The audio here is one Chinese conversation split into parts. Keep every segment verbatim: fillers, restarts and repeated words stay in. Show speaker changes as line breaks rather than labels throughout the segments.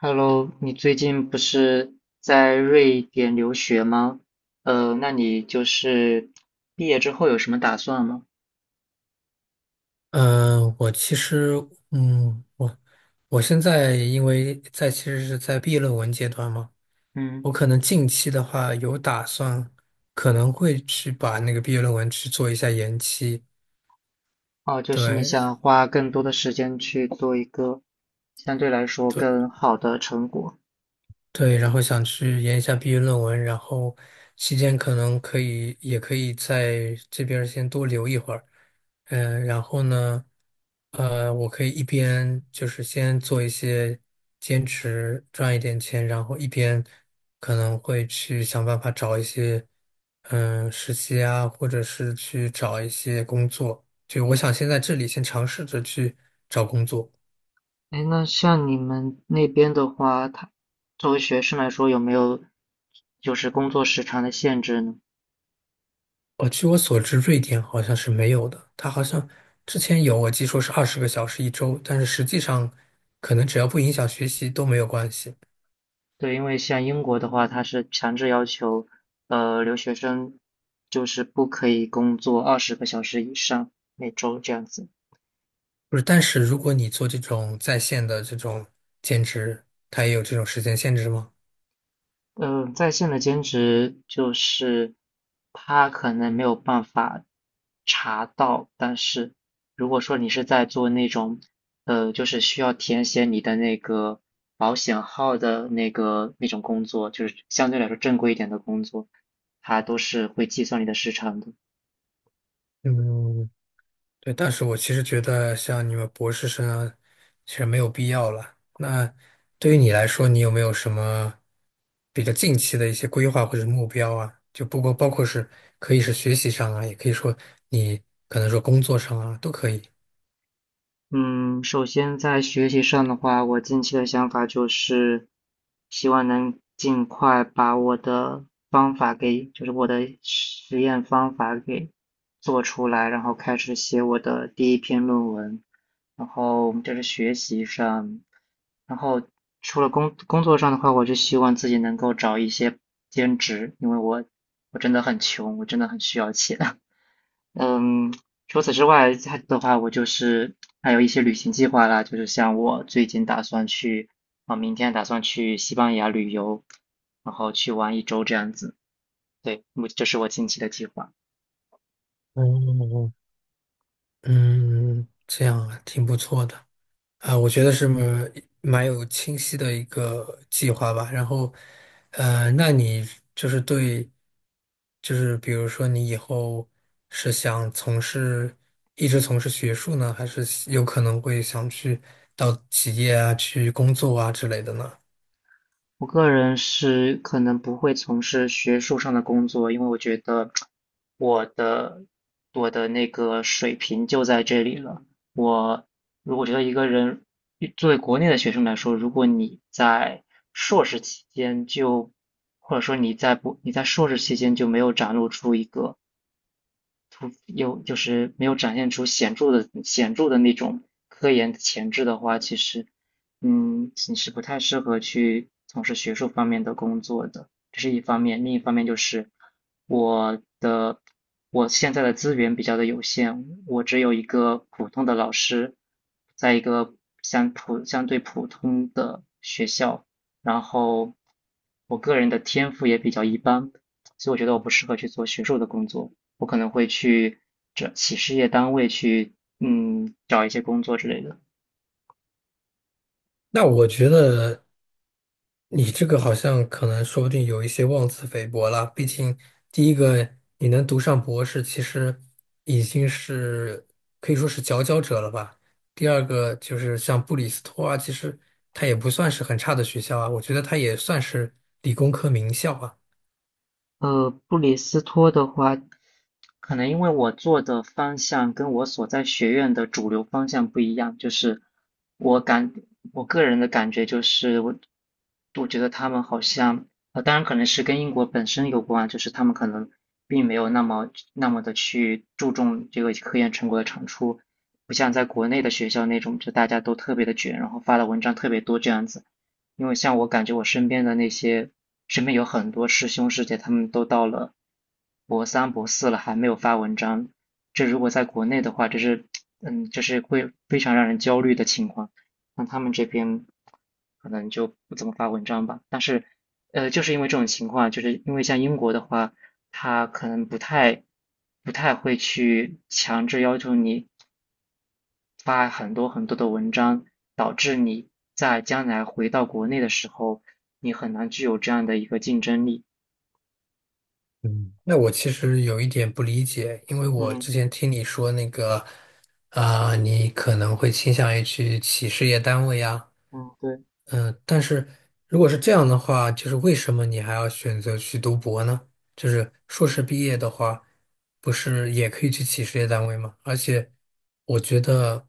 Hello,你最近不是在瑞典留学吗？呃，那你就是毕业之后有什么打算吗？
嗯，呃我其实，嗯，我我现在因为在其实是在毕业论文阶段嘛，
嗯。
我可能近期的话有打算，可能会去把那个毕业论文去做一下延期。
哦，就是你
对
想花更多的时间去做一个相对来说
对，
更好的成果。
对，然后想去研一下毕业论文，然后期间可能可以，也可以在这边儿先多留一会儿，嗯，然后呢，呃，我可以一边就是先做一些兼职，赚一点钱，然后一边可能会去想办法找一些，嗯，实习啊，或者是去找一些工作。就我想先在这里先尝试着去找工作。
哎，那像你们那边的话，他作为学生来说有没有就是工作时长的限制呢？
呃，据我所知，瑞典好像是没有的。它好像之前有，我记说是二十个小时一周，但是实际上可能只要不影响学习都没有关系。
对，因为像英国的话，它是强制要求，呃，留学生就是不可以工作二十个小时以上每周这样子。
不是，但是如果你做这种在线的这种兼职，它也有这种时间限制吗？
嗯、呃在线的兼职就是他可能没有办法查到，但是如果说你是在做那种，呃，就是需要填写你的那个保险号的那个那种工作，就是相对来说正规一点的工作，它都是会计算你的时长的。
嗯，对，但是我其实觉得像你们博士生啊，其实没有必要了。那对于你来说，你有没有什么比较近期的一些规划或者目标啊？就不过包括是可以是学习上啊，也可以说你可能说工作上啊，都可以。
嗯，首先在学习上的话，我近期的想法就是，希望能尽快把我的方法给，就是我的实验方法给做出来，然后开始写我的第一篇论文。然后就是学习上，然后除了工工作上的话，我就希望自己能够找一些兼职，因为我我真的很穷，我真的很需要钱。嗯，除此之外，它的话，我就是还有一些旅行计划啦，就是像我最近打算去，啊、明天打算去西班牙旅游，然后去玩一周这样子。对，我这是我近期的计划。
嗯，嗯，这样啊，挺不错的。啊，我觉得是蛮蛮有清晰的一个计划吧。然后，呃，那你就是对，就是比如说你以后是想从事，一直从事学术呢，还是有可能会想去到企业啊，去工作啊之类的呢？
我个人是可能不会从事学术上的工作，因为我觉得我的我的那个水平就在这里了。我如果觉得一个人作为国内的学生来说，如果你在硕士期间就或者说你在不你在硕士期间就没有展露出一个突有就是没有展现出显著的显著的那种科研的潜质的话，其实，嗯，你是不太适合去从事学术方面的工作的，这是一方面。另一方面就是我的我现在的资源比较的有限，我只有一个普通的老师，在一个相普相对普通的学校，然后我个人的天赋也比较一般，所以我觉得我不适合去做学术的工作。我可能会去这企事业单位去，嗯，找一些工作之类的。
那我觉得。你这个好像可能说不定有一些妄自菲薄了，毕竟第一个你能读上博士，其实已经是可以说是佼佼者了吧。第二个就是像布里斯托啊，其实它也不算是很差的学校啊，我觉得它也算是理工科名校啊。
呃，布里斯托的话，可能因为我做的方向跟我所在学院的主流方向不一样，就是我感我个人的感觉就是我我觉得他们好像呃，当然可能是跟英国本身有关，就是他们可能并没有那么那么的去注重这个科研成果的产出，不像在国内的学校那种，就大家都特别的卷，然后发的文章特别多这样子。因为像我感觉我身边的那些，身边有很多师兄师姐，他们都到了博三、博四了，还没有发文章。这如果在国内的话，这是，嗯，这是会非常让人焦虑的情况。那他们这边可能就不怎么发文章吧。但是，呃，就是因为这种情况，就是因为像英国的话，他可能不太不太会去强制要求你发很多很多的文章，导致你在将来回到国内的时候，你很难具有这样的一个竞争力。
嗯，那我其实有一点不理解，因为我
嗯。
之前听你说那个，啊、你可能会倾向于去企事业单位呀。
嗯，对，
嗯，但是如果是这样的话，就是为什么你还要选择去读博呢？就是硕士毕业的话，不是也可以去企事业单位吗？而且我觉得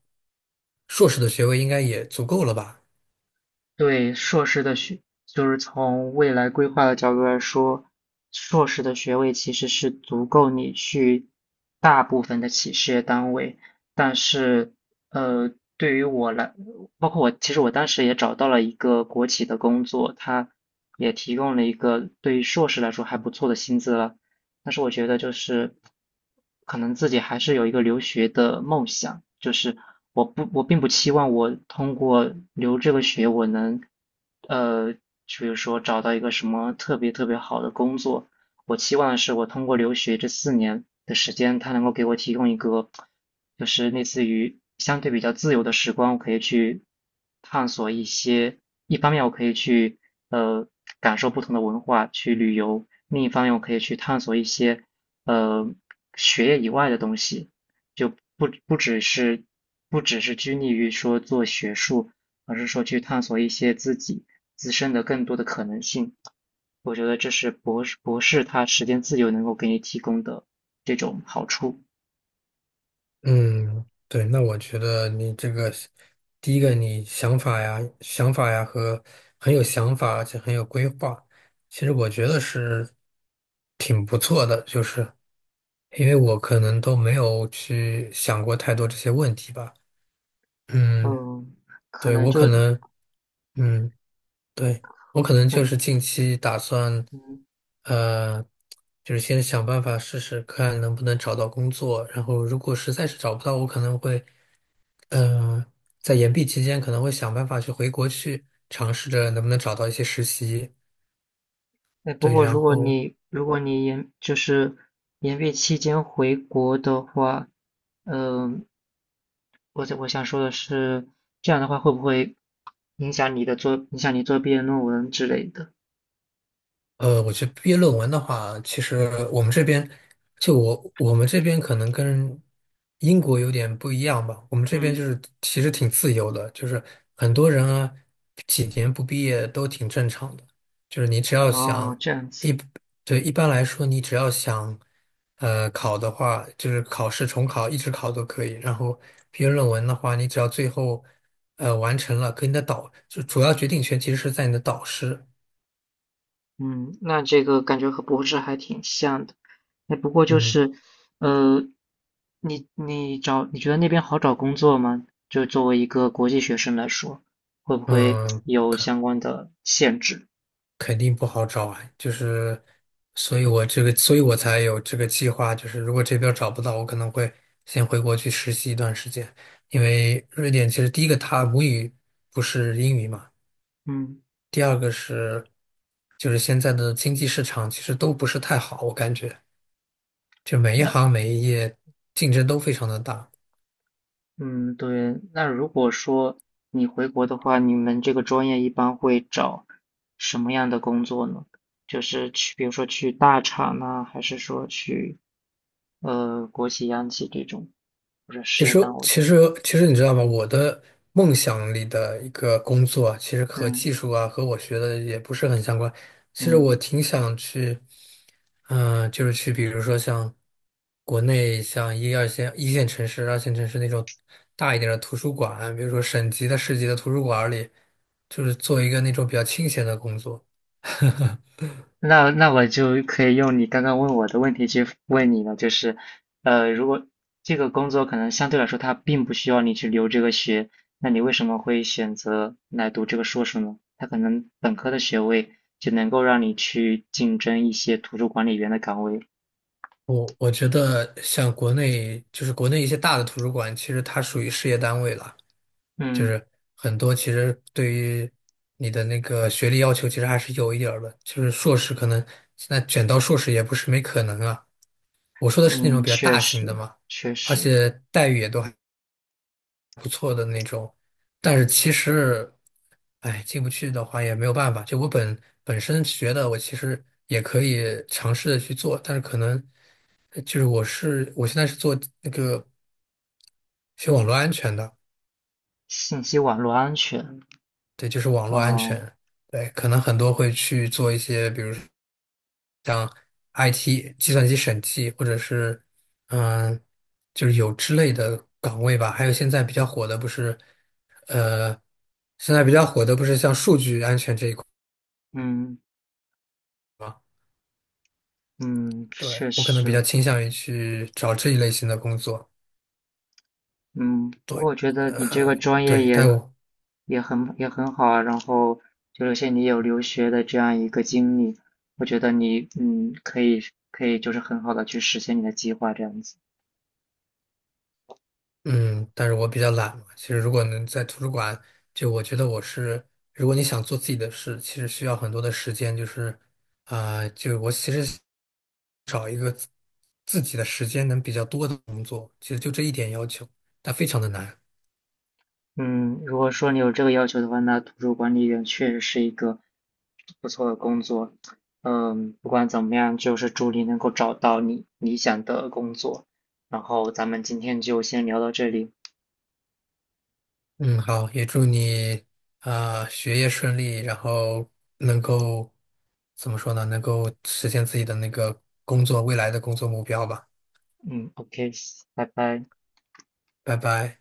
硕士的学位应该也足够了吧？
对硕士的学，就是从未来规划的角度来说，硕士的学位其实是足够你去大部分的企事业单位，但是，呃，对于我来，包括我，其实我当时也找到了一个国企的工作，它也提供了一个对于硕士来说还不错的薪资了。但是我觉得就是可能自己还是有一个留学的梦想，就是我不我并不期望我通过留这个学我能呃，比如说找到一个什么特别特别好的工作，我期望的是，我通过留学这四年的时间，它能够给我提供一个，就是类似于相对比较自由的时光，我可以去探索一些。一方面，我可以去呃感受不同的文化，去旅游；另一方面，我可以去探索一些呃学业以外的东西，就不不只是不只是拘泥于说做学术，而是说去探索一些自己自身的更多的可能性。我觉得这是博士博士他时间自由能够给你提供的这种好处。
嗯，对，那我觉得你这个是第一个，你想法呀、想法呀和很有想法，而且很有规划，其实我觉得是挺不错的，就是因为我可能都没有去想过太多这些问题吧。嗯，
嗯，可
对，
能
我
就
可能，嗯，对，我可能
可。
就是近期打算，
嗯，
呃，就是先想办法试试看能不能找到工作，然后如果实在是找不到，我可能会。嗯，呃在延毕期间可能会想办法去回国去尝试着能不能找到一些实习，
哎，不
对，
过
然
如果
后
你如果你研就是研毕期间回国的话，嗯，我我想说的是，这样的话会不会影响你的做影响你做毕业论文之类的？
呃，我觉得毕业论文的话，其实我们这边就我我们这边可能跟英国有点不一样吧。我们这边
嗯，
就是其实挺自由的，就是很多人啊，几年不毕业都挺正常的。就是你只要
哦，
想
这样
一，
子。
对，一般来说你只要想呃考的话，就是考试重考一直考都可以。然后毕业论文的话，你只要最后呃完成了，跟你的导就主要决定权其实是在你的导师。
嗯，那这个感觉和博士还挺像的。哎，不过就
嗯。
是，呃，你你找，你觉得那边好找工作吗？就作为一个国际学生来说，会不会
嗯，
有相关的限制？
肯定不好找啊，就是，所以我这个，所以我才有这个计划，就是如果这边找不到，我可能会先回国去实习一段时间，因为瑞典其实第一个它母语不是英语嘛，
嗯，
第二个是就是现在的经济市场其实都不是太好，我感觉就每一
那。
行每一业竞争都非常的大。
嗯，对，那如果说你回国的话，你们这个专业一般会找什么样的工作呢？就是去，比如说去大厂呢，还是说去呃国企、央企这种，或者事
其
业
实，
单位？
其实，其实你知道吗？我的梦想里的一个工作啊其实和
嗯。
技术啊，和我学的也不是很相关。其实
嗯，
我挺想去，嗯、就是去，比如说像国内像一二线、一线城市、二线城市那种大一点的图书馆，比如说省级的、市级的图书馆里，就是做一个那种比较清闲的工作。
那那我就可以用你刚刚问我的问题去问你了，就是，呃，如果这个工作可能相对来说它并不需要你去留这个学，那你为什么会选择来读这个硕士呢？它可能本科的学位就能够让你去竞争一些图书管理员的岗位。
我我觉得像国内，就是国内一些大的图书馆，其实它属于事业单位了。就
嗯。
是很多其实对于你的那个学历要求，其实还是有一点儿的。就是硕士可能现在卷到硕士也不是没可能啊。我说的是那种
嗯，
比较
确
大
实，
型的嘛，
确
而
实。
且待遇也都还不错的那种。但是其实，哎，进不去的话也没有办法。就我本本身学的，我其实也可以尝试的去做，但是可能呃就是我是我现在是做那个学网络安全的，
信息网络安全。
对，就是网络安
哦。
全。对，可能很多会去做一些，比如。像 I T 计算机审计或者是嗯，呃就是有之类的岗位吧。还有现在比较火的不是，呃，现在比较火的不是像数据安全这一块
嗯。
吗？
嗯，
对，
确
我可能比较
实。
倾向于去找这一类型的工作。
嗯，不过
对，
我觉得你这
呃，
个专业
对，
也
但我
也很也很好啊，然后就是像你有留学的这样一个经历，我觉得你嗯可以可以就是很好的去实现你的计划这样子。
嗯，但是我比较懒嘛。其实如果能在图书馆，就我觉得我是，如果你想做自己的事，其实需要很多的时间，就是，啊、就我其实找一个自自己的时间能比较多的工作，其实就这一点要求，但非常的难。
嗯，如果说你有这个要求的话，那图书管理员确实是一个不错的工作。嗯，不管怎么样，就是祝你能够找到你理想的工作。然后咱们今天就先聊到这里。
嗯，好，也祝你啊、学业顺利，然后能够怎么说呢？能够实现自己的那个工作，未来的工作目标吧。
嗯，OK,拜拜。
拜拜。